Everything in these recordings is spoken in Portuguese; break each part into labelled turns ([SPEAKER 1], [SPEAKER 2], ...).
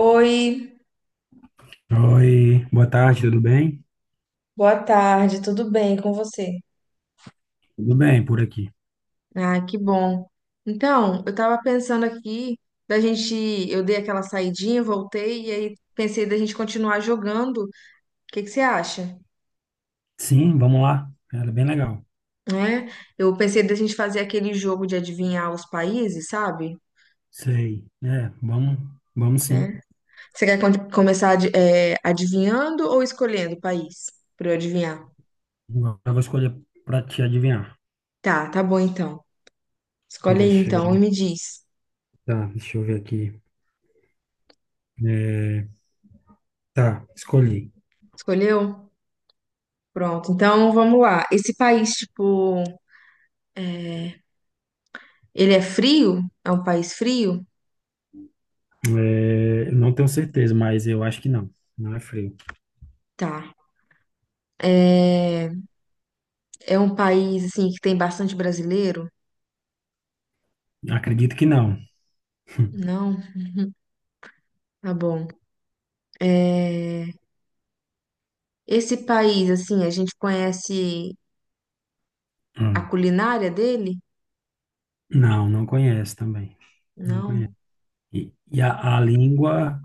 [SPEAKER 1] Oi,
[SPEAKER 2] Oi, boa tarde, tudo bem?
[SPEAKER 1] boa tarde, tudo bem com você?
[SPEAKER 2] Tudo bem por aqui.
[SPEAKER 1] Ah, que bom. Então, eu tava pensando aqui da gente, eu dei aquela saidinha, voltei e aí pensei da gente continuar jogando. O que que você acha?
[SPEAKER 2] Sim, vamos lá. Era bem legal.
[SPEAKER 1] Né? Eu pensei da gente fazer aquele jogo de adivinhar os países, sabe?
[SPEAKER 2] Sei. É, vamos, vamos sim.
[SPEAKER 1] Você quer começar adivinhando ou escolhendo o país para eu adivinhar?
[SPEAKER 2] Agora eu vou escolher para te adivinhar.
[SPEAKER 1] Tá, tá bom então. Escolhe aí
[SPEAKER 2] Deixa
[SPEAKER 1] então e
[SPEAKER 2] eu,
[SPEAKER 1] me diz.
[SPEAKER 2] tá, deixa eu ver aqui. É, tá, escolhi.
[SPEAKER 1] Escolheu? Pronto. Então, vamos lá. Esse país, tipo, ele é frio? É um país frio?
[SPEAKER 2] É, eu não tenho certeza, mas eu acho que não. Não é frio.
[SPEAKER 1] Tá. É, é um país assim que tem bastante brasileiro?
[SPEAKER 2] Acredito que não.
[SPEAKER 1] Não? Tá bom. É, esse país, assim, a gente conhece a
[SPEAKER 2] Hum.
[SPEAKER 1] culinária dele?
[SPEAKER 2] Não, não conhece também. Não conhece.
[SPEAKER 1] Não,
[SPEAKER 2] E, e a língua,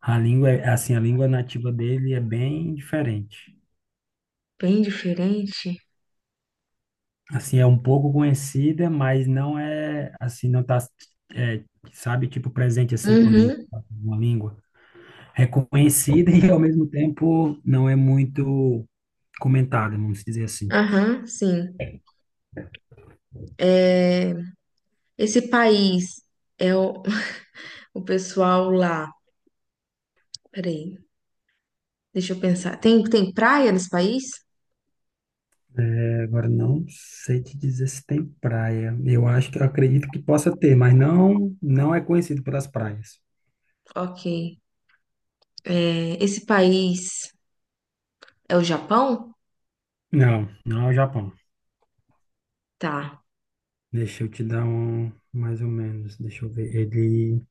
[SPEAKER 2] a língua é assim, a língua nativa dele é bem diferente.
[SPEAKER 1] bem diferente.
[SPEAKER 2] Assim, é um pouco conhecida, mas não é, assim, não tá, é, sabe, tipo presente, assim, quando a gente
[SPEAKER 1] Uhum,
[SPEAKER 2] fala uma língua. É conhecida e, ao mesmo tempo, não é muito comentada, vamos dizer assim.
[SPEAKER 1] aham, sim. É, esse país é o, o pessoal lá. Peraí, deixa eu pensar. Tem praia nesse país?
[SPEAKER 2] É, agora, não sei te dizer se tem praia. Eu acho que, eu acredito que possa ter, mas não, não é conhecido pelas praias.
[SPEAKER 1] Ok. É, esse país é o Japão?
[SPEAKER 2] Não, não é o Japão.
[SPEAKER 1] Tá.
[SPEAKER 2] Deixa eu te dar um, mais ou menos, deixa eu ver. Ele,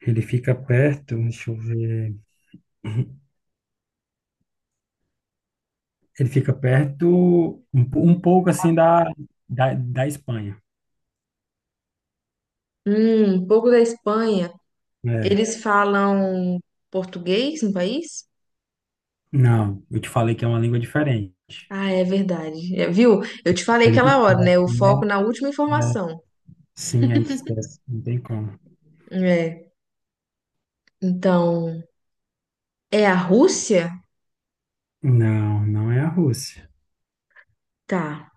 [SPEAKER 2] ele fica perto, deixa eu ver. Ele fica perto, um, um pouco assim da Espanha.
[SPEAKER 1] Um pouco da Espanha.
[SPEAKER 2] É.
[SPEAKER 1] Eles falam português no país?
[SPEAKER 2] Não, eu te falei que é uma língua diferente.
[SPEAKER 1] Ah, é verdade. É, viu? Eu te falei
[SPEAKER 2] A gente
[SPEAKER 1] aquela hora, né?
[SPEAKER 2] esquece,
[SPEAKER 1] O
[SPEAKER 2] né?
[SPEAKER 1] foco na última
[SPEAKER 2] É.
[SPEAKER 1] informação.
[SPEAKER 2] Sim, a gente esquece, não tem como.
[SPEAKER 1] É. Então, é a Rússia?
[SPEAKER 2] Não, não é a Rússia.
[SPEAKER 1] Tá.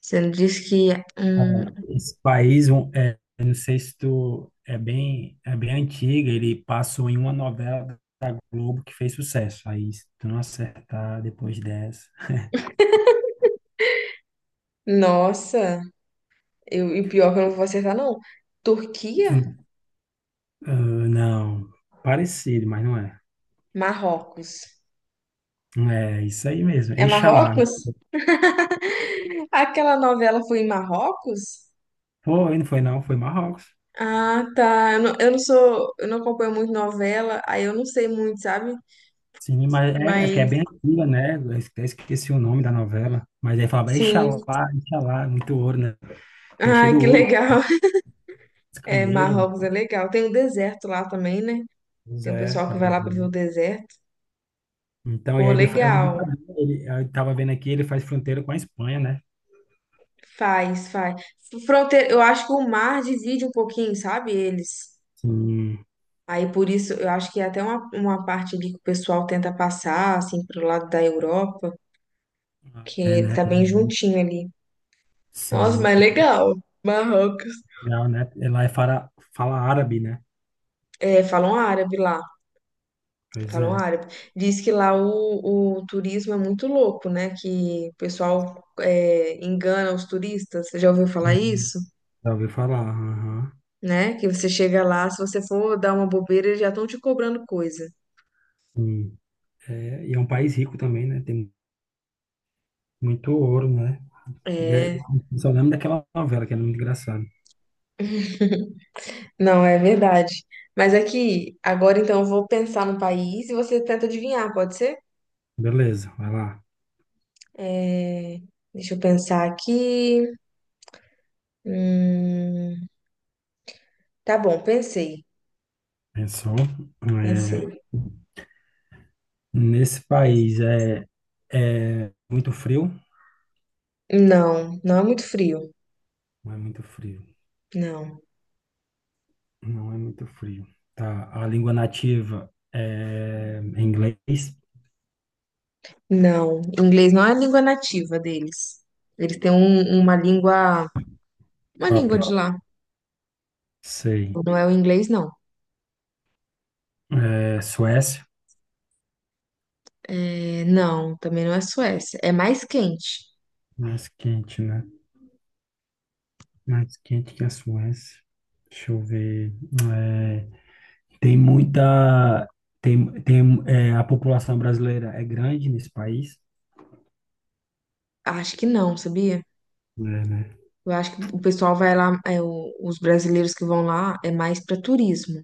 [SPEAKER 1] Você não disse que.
[SPEAKER 2] Ah, esse país, um, é, eu não sei se tu é bem antiga, ele passou em uma novela da Globo que fez sucesso. Aí, se tu não acertar depois dessa.
[SPEAKER 1] Nossa, eu, e o pior que eu não vou acertar, não. Turquia?
[SPEAKER 2] Tu- ah, não, parecido, mas não é.
[SPEAKER 1] Marrocos.
[SPEAKER 2] É isso aí mesmo.
[SPEAKER 1] É
[SPEAKER 2] Eixalá.
[SPEAKER 1] Marrocos? Aquela novela foi em Marrocos?
[SPEAKER 2] Foi, não foi não, foi Marrocos.
[SPEAKER 1] Ah, tá. Eu não sou, eu não acompanho muito novela, aí eu não sei muito, sabe?
[SPEAKER 2] Sim, mas é, é que é
[SPEAKER 1] Mas
[SPEAKER 2] bem antiga, né? Esqueci o nome da novela. Mas aí falava,
[SPEAKER 1] sim.
[SPEAKER 2] Exalá, Exalá, muito ouro, né? Que é cheio de
[SPEAKER 1] Ai, que
[SPEAKER 2] ouro,
[SPEAKER 1] legal.
[SPEAKER 2] os
[SPEAKER 1] É,
[SPEAKER 2] camelos, né?
[SPEAKER 1] Marrocos é legal. Tem o deserto lá também, né?
[SPEAKER 2] Pois
[SPEAKER 1] Tem o
[SPEAKER 2] é,
[SPEAKER 1] pessoal que vai lá pra
[SPEAKER 2] pois
[SPEAKER 1] ver o
[SPEAKER 2] é.
[SPEAKER 1] deserto.
[SPEAKER 2] Então, e
[SPEAKER 1] Pô,
[SPEAKER 2] aí ele, eu não
[SPEAKER 1] legal.
[SPEAKER 2] sabia, ele, eu tava vendo aqui, ele faz fronteira com a Espanha, né?
[SPEAKER 1] Faz, faz. Fronteira, eu acho que o mar divide um pouquinho, sabe? Eles.
[SPEAKER 2] Sim,
[SPEAKER 1] Aí por isso, eu acho que é até uma parte ali que o pessoal tenta passar, assim, pro lado da Europa,
[SPEAKER 2] ah, é,
[SPEAKER 1] que
[SPEAKER 2] né?
[SPEAKER 1] tá bem juntinho ali. Nossa,
[SPEAKER 2] Sim,
[SPEAKER 1] mas legal. Marrocos.
[SPEAKER 2] Portugal, né? Lá é fala, fala árabe, né?
[SPEAKER 1] É, falam árabe lá,
[SPEAKER 2] Pois
[SPEAKER 1] falam
[SPEAKER 2] é,
[SPEAKER 1] árabe. Diz que lá o turismo é muito louco, né? Que o pessoal é, engana os turistas. Você já ouviu falar
[SPEAKER 2] sim,
[SPEAKER 1] isso?
[SPEAKER 2] já ouvi falar, aham,
[SPEAKER 1] Né? Que você chega lá, se você for dar uma bobeira, eles já estão te cobrando coisa.
[SPEAKER 2] sim. É, e é um país rico também, né? Tem muito ouro, né? E aí,
[SPEAKER 1] É,
[SPEAKER 2] eu só lembro daquela novela, que era muito engraçado.
[SPEAKER 1] não, é verdade. Mas aqui, agora então eu vou pensar no país e você tenta adivinhar, pode ser?
[SPEAKER 2] Beleza, vai lá.
[SPEAKER 1] É, deixa eu pensar aqui. Hum, tá bom, pensei,
[SPEAKER 2] Pensou. É,
[SPEAKER 1] pensei.
[SPEAKER 2] nesse país é, é muito frio?
[SPEAKER 1] Não, não é muito frio,
[SPEAKER 2] Não é muito frio.
[SPEAKER 1] não.
[SPEAKER 2] Não é muito frio. Tá. A língua nativa é inglês
[SPEAKER 1] Não, inglês não é a língua nativa deles. Eles têm uma língua
[SPEAKER 2] própria.
[SPEAKER 1] de lá.
[SPEAKER 2] Sei.
[SPEAKER 1] Não é o inglês, não.
[SPEAKER 2] É, Suécia.
[SPEAKER 1] É, não, também não é Suécia. É mais quente.
[SPEAKER 2] Mais quente, né? Mais quente que a Suécia. Deixa eu ver. É, tem muita. Tem, é, a população brasileira é grande nesse país.
[SPEAKER 1] Acho que não, sabia?
[SPEAKER 2] É, né?
[SPEAKER 1] Eu acho que o pessoal vai lá, é, os brasileiros que vão lá é mais para turismo.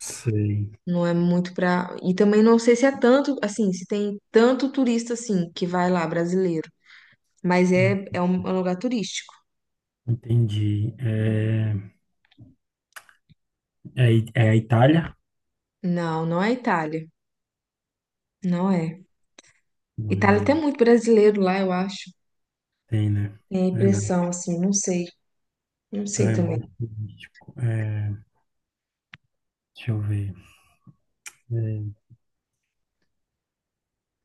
[SPEAKER 2] Sei.
[SPEAKER 1] Não é muito para. E também não sei se é tanto, assim, se tem tanto turista assim que vai lá, brasileiro. Mas
[SPEAKER 2] Hum,
[SPEAKER 1] é, é um lugar turístico.
[SPEAKER 2] Entendi. É, é, é a Itália?
[SPEAKER 1] Não, não é Itália. Não é. Itália
[SPEAKER 2] É,
[SPEAKER 1] tem muito brasileiro lá, eu acho.
[SPEAKER 2] tem, né?
[SPEAKER 1] Tem a impressão,
[SPEAKER 2] Verdade.
[SPEAKER 1] assim, não sei, não sei
[SPEAKER 2] Tá, é
[SPEAKER 1] também.
[SPEAKER 2] muito turístico. É, deixa eu ver.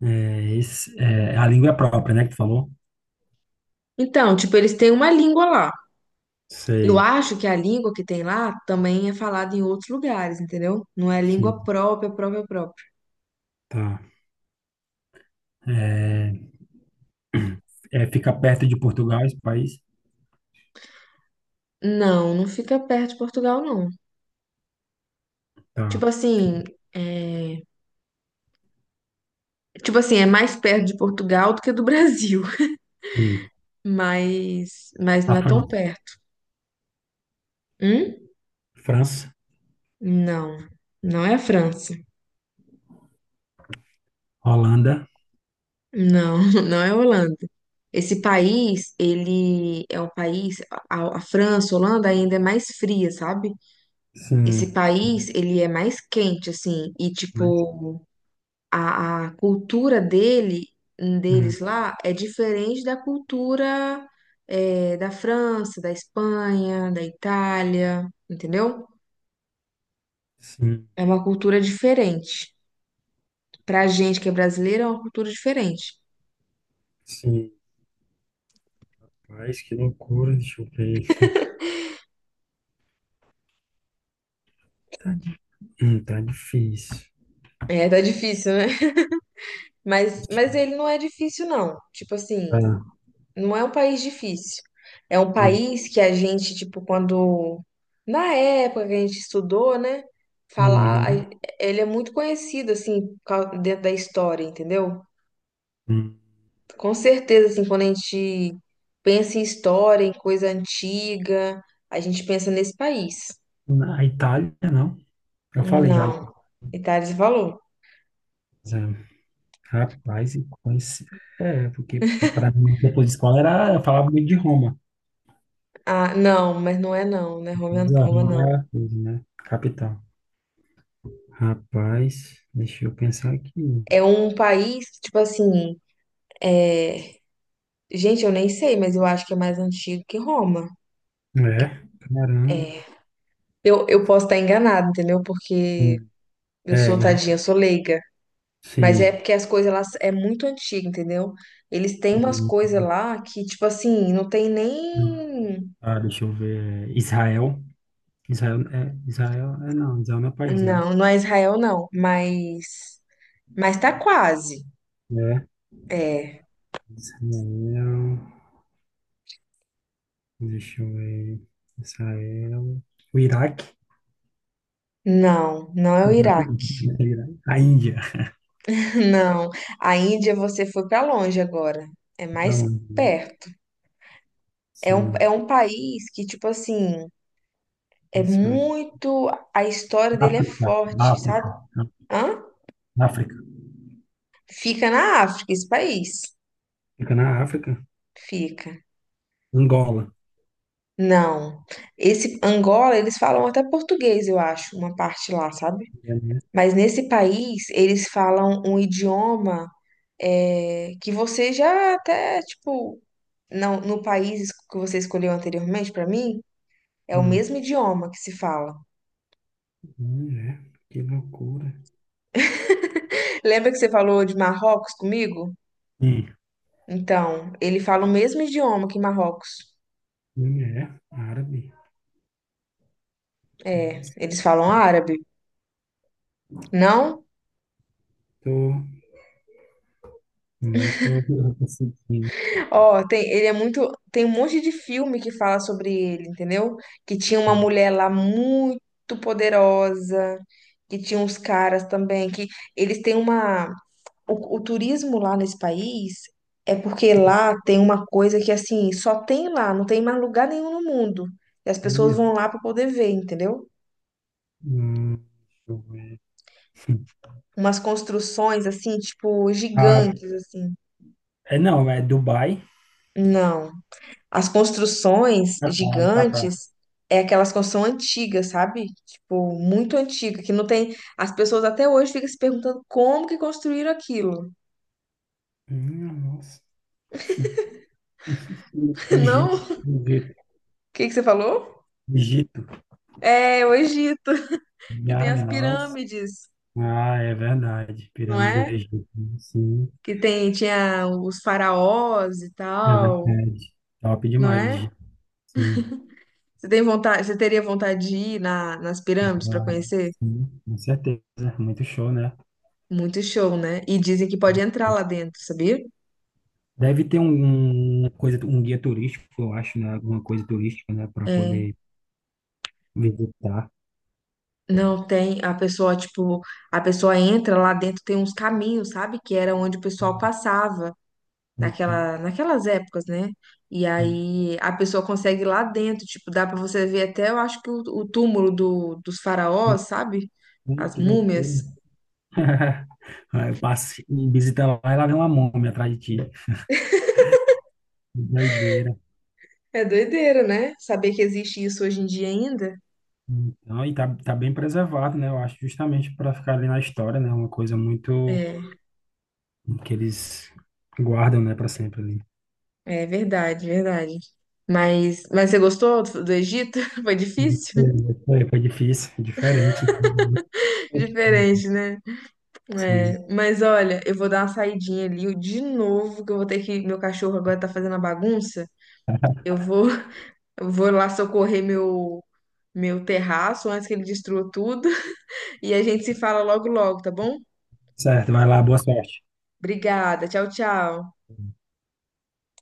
[SPEAKER 2] É, é, esse, é a língua própria, né, que tu falou?
[SPEAKER 1] Então, tipo, eles têm uma língua lá. Eu
[SPEAKER 2] Sei.
[SPEAKER 1] acho que a língua que tem lá também é falada em outros lugares, entendeu? Não é língua
[SPEAKER 2] Sim,
[SPEAKER 1] própria, própria, própria.
[SPEAKER 2] tá. É, é, fica perto de Portugal, esse país?
[SPEAKER 1] Não, não fica perto de Portugal, não. Tipo
[SPEAKER 2] Tá.
[SPEAKER 1] assim, é... tipo assim, é mais perto de Portugal do que do Brasil,
[SPEAKER 2] Hum.
[SPEAKER 1] mas não
[SPEAKER 2] A
[SPEAKER 1] é tão
[SPEAKER 2] Fran-
[SPEAKER 1] perto. Hum?
[SPEAKER 2] França,
[SPEAKER 1] Não, não é a França.
[SPEAKER 2] Holanda.
[SPEAKER 1] Não, não é Holanda. Esse país, ele é um país, a França, Holanda ainda é mais fria, sabe? Esse
[SPEAKER 2] Sim.
[SPEAKER 1] país, ele é mais quente, assim, e
[SPEAKER 2] Mas,
[SPEAKER 1] tipo, a cultura dele, deles
[SPEAKER 2] hum,
[SPEAKER 1] lá, é diferente da cultura é, da França, da Espanha, da Itália, entendeu?
[SPEAKER 2] sim,
[SPEAKER 1] É uma cultura diferente. Pra gente que é brasileiro, é uma cultura diferente.
[SPEAKER 2] sim. Mas que loucura, deixa eu ver. Tá. Tá difícil.
[SPEAKER 1] É, tá difícil, né? Mas ele não é difícil, não. Tipo assim,
[SPEAKER 2] Tá.
[SPEAKER 1] não é um país difícil. É um país que a gente, tipo, quando. Na época que a gente estudou, né? Falar.
[SPEAKER 2] Uhum,
[SPEAKER 1] Ele é muito conhecido, assim, dentro da história, entendeu?
[SPEAKER 2] uhum.
[SPEAKER 1] Com certeza, assim, quando a gente pensa em história, em coisa antiga, a gente pensa nesse país.
[SPEAKER 2] Na Itália, não. Eu falei já.
[SPEAKER 1] Não. Itália, você falou?
[SPEAKER 2] Mas, é, rapaz, e conheci. É, porque para mim, depois de escola, era, eu falava muito de Roma.
[SPEAKER 1] Ah, não, mas não é não, né? Roma,
[SPEAKER 2] Mas a
[SPEAKER 1] Roma
[SPEAKER 2] Roma
[SPEAKER 1] não.
[SPEAKER 2] era a coisa, né? Capital. Rapaz, deixa eu pensar aqui.
[SPEAKER 1] É um país, tipo assim é, gente, eu nem sei, mas eu acho que é mais antigo que Roma.
[SPEAKER 2] É, caramba.
[SPEAKER 1] É. Eu posso estar enganada, entendeu? Porque
[SPEAKER 2] Sim.
[SPEAKER 1] eu sou
[SPEAKER 2] É, o-
[SPEAKER 1] tadinha, eu sou leiga. Mas é
[SPEAKER 2] sim.
[SPEAKER 1] porque as coisas lá é muito antiga, entendeu? Eles têm umas
[SPEAKER 2] Hum,
[SPEAKER 1] coisas lá que, tipo assim, não tem nem.
[SPEAKER 2] ah, deixa eu ver. Israel. Israel é não, Israel não é país, né?
[SPEAKER 1] Não, não é Israel, não. Mas. Mas tá quase.
[SPEAKER 2] É.
[SPEAKER 1] É.
[SPEAKER 2] Israel, deixa eu ver. Israel. O Iraque?
[SPEAKER 1] Não, não é o
[SPEAKER 2] Não,
[SPEAKER 1] Iraque.
[SPEAKER 2] não é o Iraque. A Índia.
[SPEAKER 1] Não. A Índia você foi pra longe agora. É mais
[SPEAKER 2] Não,
[SPEAKER 1] perto. É
[SPEAKER 2] sim.
[SPEAKER 1] um país que, tipo assim. É
[SPEAKER 2] Israel.
[SPEAKER 1] muito. A história dele é
[SPEAKER 2] África.
[SPEAKER 1] forte,
[SPEAKER 2] África.
[SPEAKER 1] sabe? Hã?
[SPEAKER 2] África.
[SPEAKER 1] Fica na África, esse país.
[SPEAKER 2] Fica na África.
[SPEAKER 1] Fica.
[SPEAKER 2] Angola.
[SPEAKER 1] Não. Esse Angola, eles falam até português, eu acho, uma parte lá, sabe?
[SPEAKER 2] É, né?
[SPEAKER 1] Mas nesse país, eles falam um idioma é, que você já até, tipo, não, no país que você escolheu anteriormente, pra mim, é o
[SPEAKER 2] Hum.
[SPEAKER 1] mesmo idioma que se fala.
[SPEAKER 2] Mulher, que loucura.
[SPEAKER 1] Lembra que você falou de Marrocos comigo?
[SPEAKER 2] Hum.
[SPEAKER 1] Então, ele fala o mesmo idioma que Marrocos.
[SPEAKER 2] Mulher, árabe.
[SPEAKER 1] É,
[SPEAKER 2] Nossa,
[SPEAKER 1] eles falam árabe. Não?
[SPEAKER 2] tô, não tô conseguindo.
[SPEAKER 1] Ó, tem, ele é muito. Tem um monte de filme que fala sobre ele, entendeu? Que tinha uma mulher lá muito poderosa, que tinha uns caras também, que eles têm uma. O turismo lá nesse país é porque lá tem uma coisa que assim, só tem lá, não tem mais lugar nenhum no mundo. E as pessoas
[SPEAKER 2] Ih,
[SPEAKER 1] vão lá para poder ver, entendeu?
[SPEAKER 2] hum, deixa eu ver.
[SPEAKER 1] Umas construções assim, tipo,
[SPEAKER 2] Ah,
[SPEAKER 1] gigantes, assim.
[SPEAKER 2] é, não, é Dubai.
[SPEAKER 1] Não. As construções
[SPEAKER 2] Catar, no Catar.
[SPEAKER 1] gigantes é aquelas construções antigas, sabe? Tipo, muito antiga, que não tem. As pessoas até hoje ficam se perguntando como que construíram aquilo.
[SPEAKER 2] Nossa.
[SPEAKER 1] Não?
[SPEAKER 2] Egito,
[SPEAKER 1] O
[SPEAKER 2] Egito,
[SPEAKER 1] que que você falou?
[SPEAKER 2] Egito.
[SPEAKER 1] É, o Egito, que
[SPEAKER 2] Ah,
[SPEAKER 1] tem as
[SPEAKER 2] nossa.
[SPEAKER 1] pirâmides,
[SPEAKER 2] Ah, é verdade.
[SPEAKER 1] não
[SPEAKER 2] Pirâmide
[SPEAKER 1] é?
[SPEAKER 2] do Egito. Né? Sim,
[SPEAKER 1] Que tem, tinha os faraós e
[SPEAKER 2] é
[SPEAKER 1] tal,
[SPEAKER 2] verdade. Top
[SPEAKER 1] não
[SPEAKER 2] demais,
[SPEAKER 1] é?
[SPEAKER 2] Egito. Sim.
[SPEAKER 1] Você tem vontade, você teria vontade de ir na, nas pirâmides para
[SPEAKER 2] Ah,
[SPEAKER 1] conhecer?
[SPEAKER 2] sim, com certeza. Muito show, né?
[SPEAKER 1] Muito show, né? E dizem que pode entrar lá dentro, sabia?
[SPEAKER 2] Deve ter um, uma coisa, um guia turístico, eu acho, né? Alguma coisa turística, né? Para
[SPEAKER 1] É.
[SPEAKER 2] poder visitar.
[SPEAKER 1] Não tem, a pessoa, tipo, a pessoa entra lá dentro, tem uns caminhos, sabe? Que era onde o pessoal passava
[SPEAKER 2] Então,
[SPEAKER 1] naquela, naquelas épocas, né? E
[SPEAKER 2] sim.
[SPEAKER 1] aí a pessoa consegue ir lá dentro, tipo, dá pra você ver até, eu acho que o túmulo do, dos faraós, sabe?
[SPEAKER 2] Então,
[SPEAKER 1] As
[SPEAKER 2] que loucura.
[SPEAKER 1] múmias.
[SPEAKER 2] Aí eu passo, visita lá e lá vem uma múmia atrás de ti. Que doideira.
[SPEAKER 1] É doideira, né? Saber que existe isso hoje em dia ainda.
[SPEAKER 2] Então, e tá, tá bem preservado, né? Eu acho justamente para ficar ali na história, né? Uma coisa muito
[SPEAKER 1] É,
[SPEAKER 2] que eles guardam, né, para sempre ali.
[SPEAKER 1] é verdade, verdade. Mas você gostou do do Egito? Foi difícil?
[SPEAKER 2] Foi, foi difícil, diferente. Né?
[SPEAKER 1] Diferente, né? É,
[SPEAKER 2] Sim.
[SPEAKER 1] mas olha, eu vou dar uma saidinha ali de novo, que eu vou ter que. Meu cachorro agora tá fazendo a bagunça. Eu vou, eu vou lá socorrer meu, meu terraço antes que ele destrua tudo. E a gente se fala logo, logo, tá bom?
[SPEAKER 2] Certo, vai lá, boa sorte.
[SPEAKER 1] Obrigada. Tchau, tchau.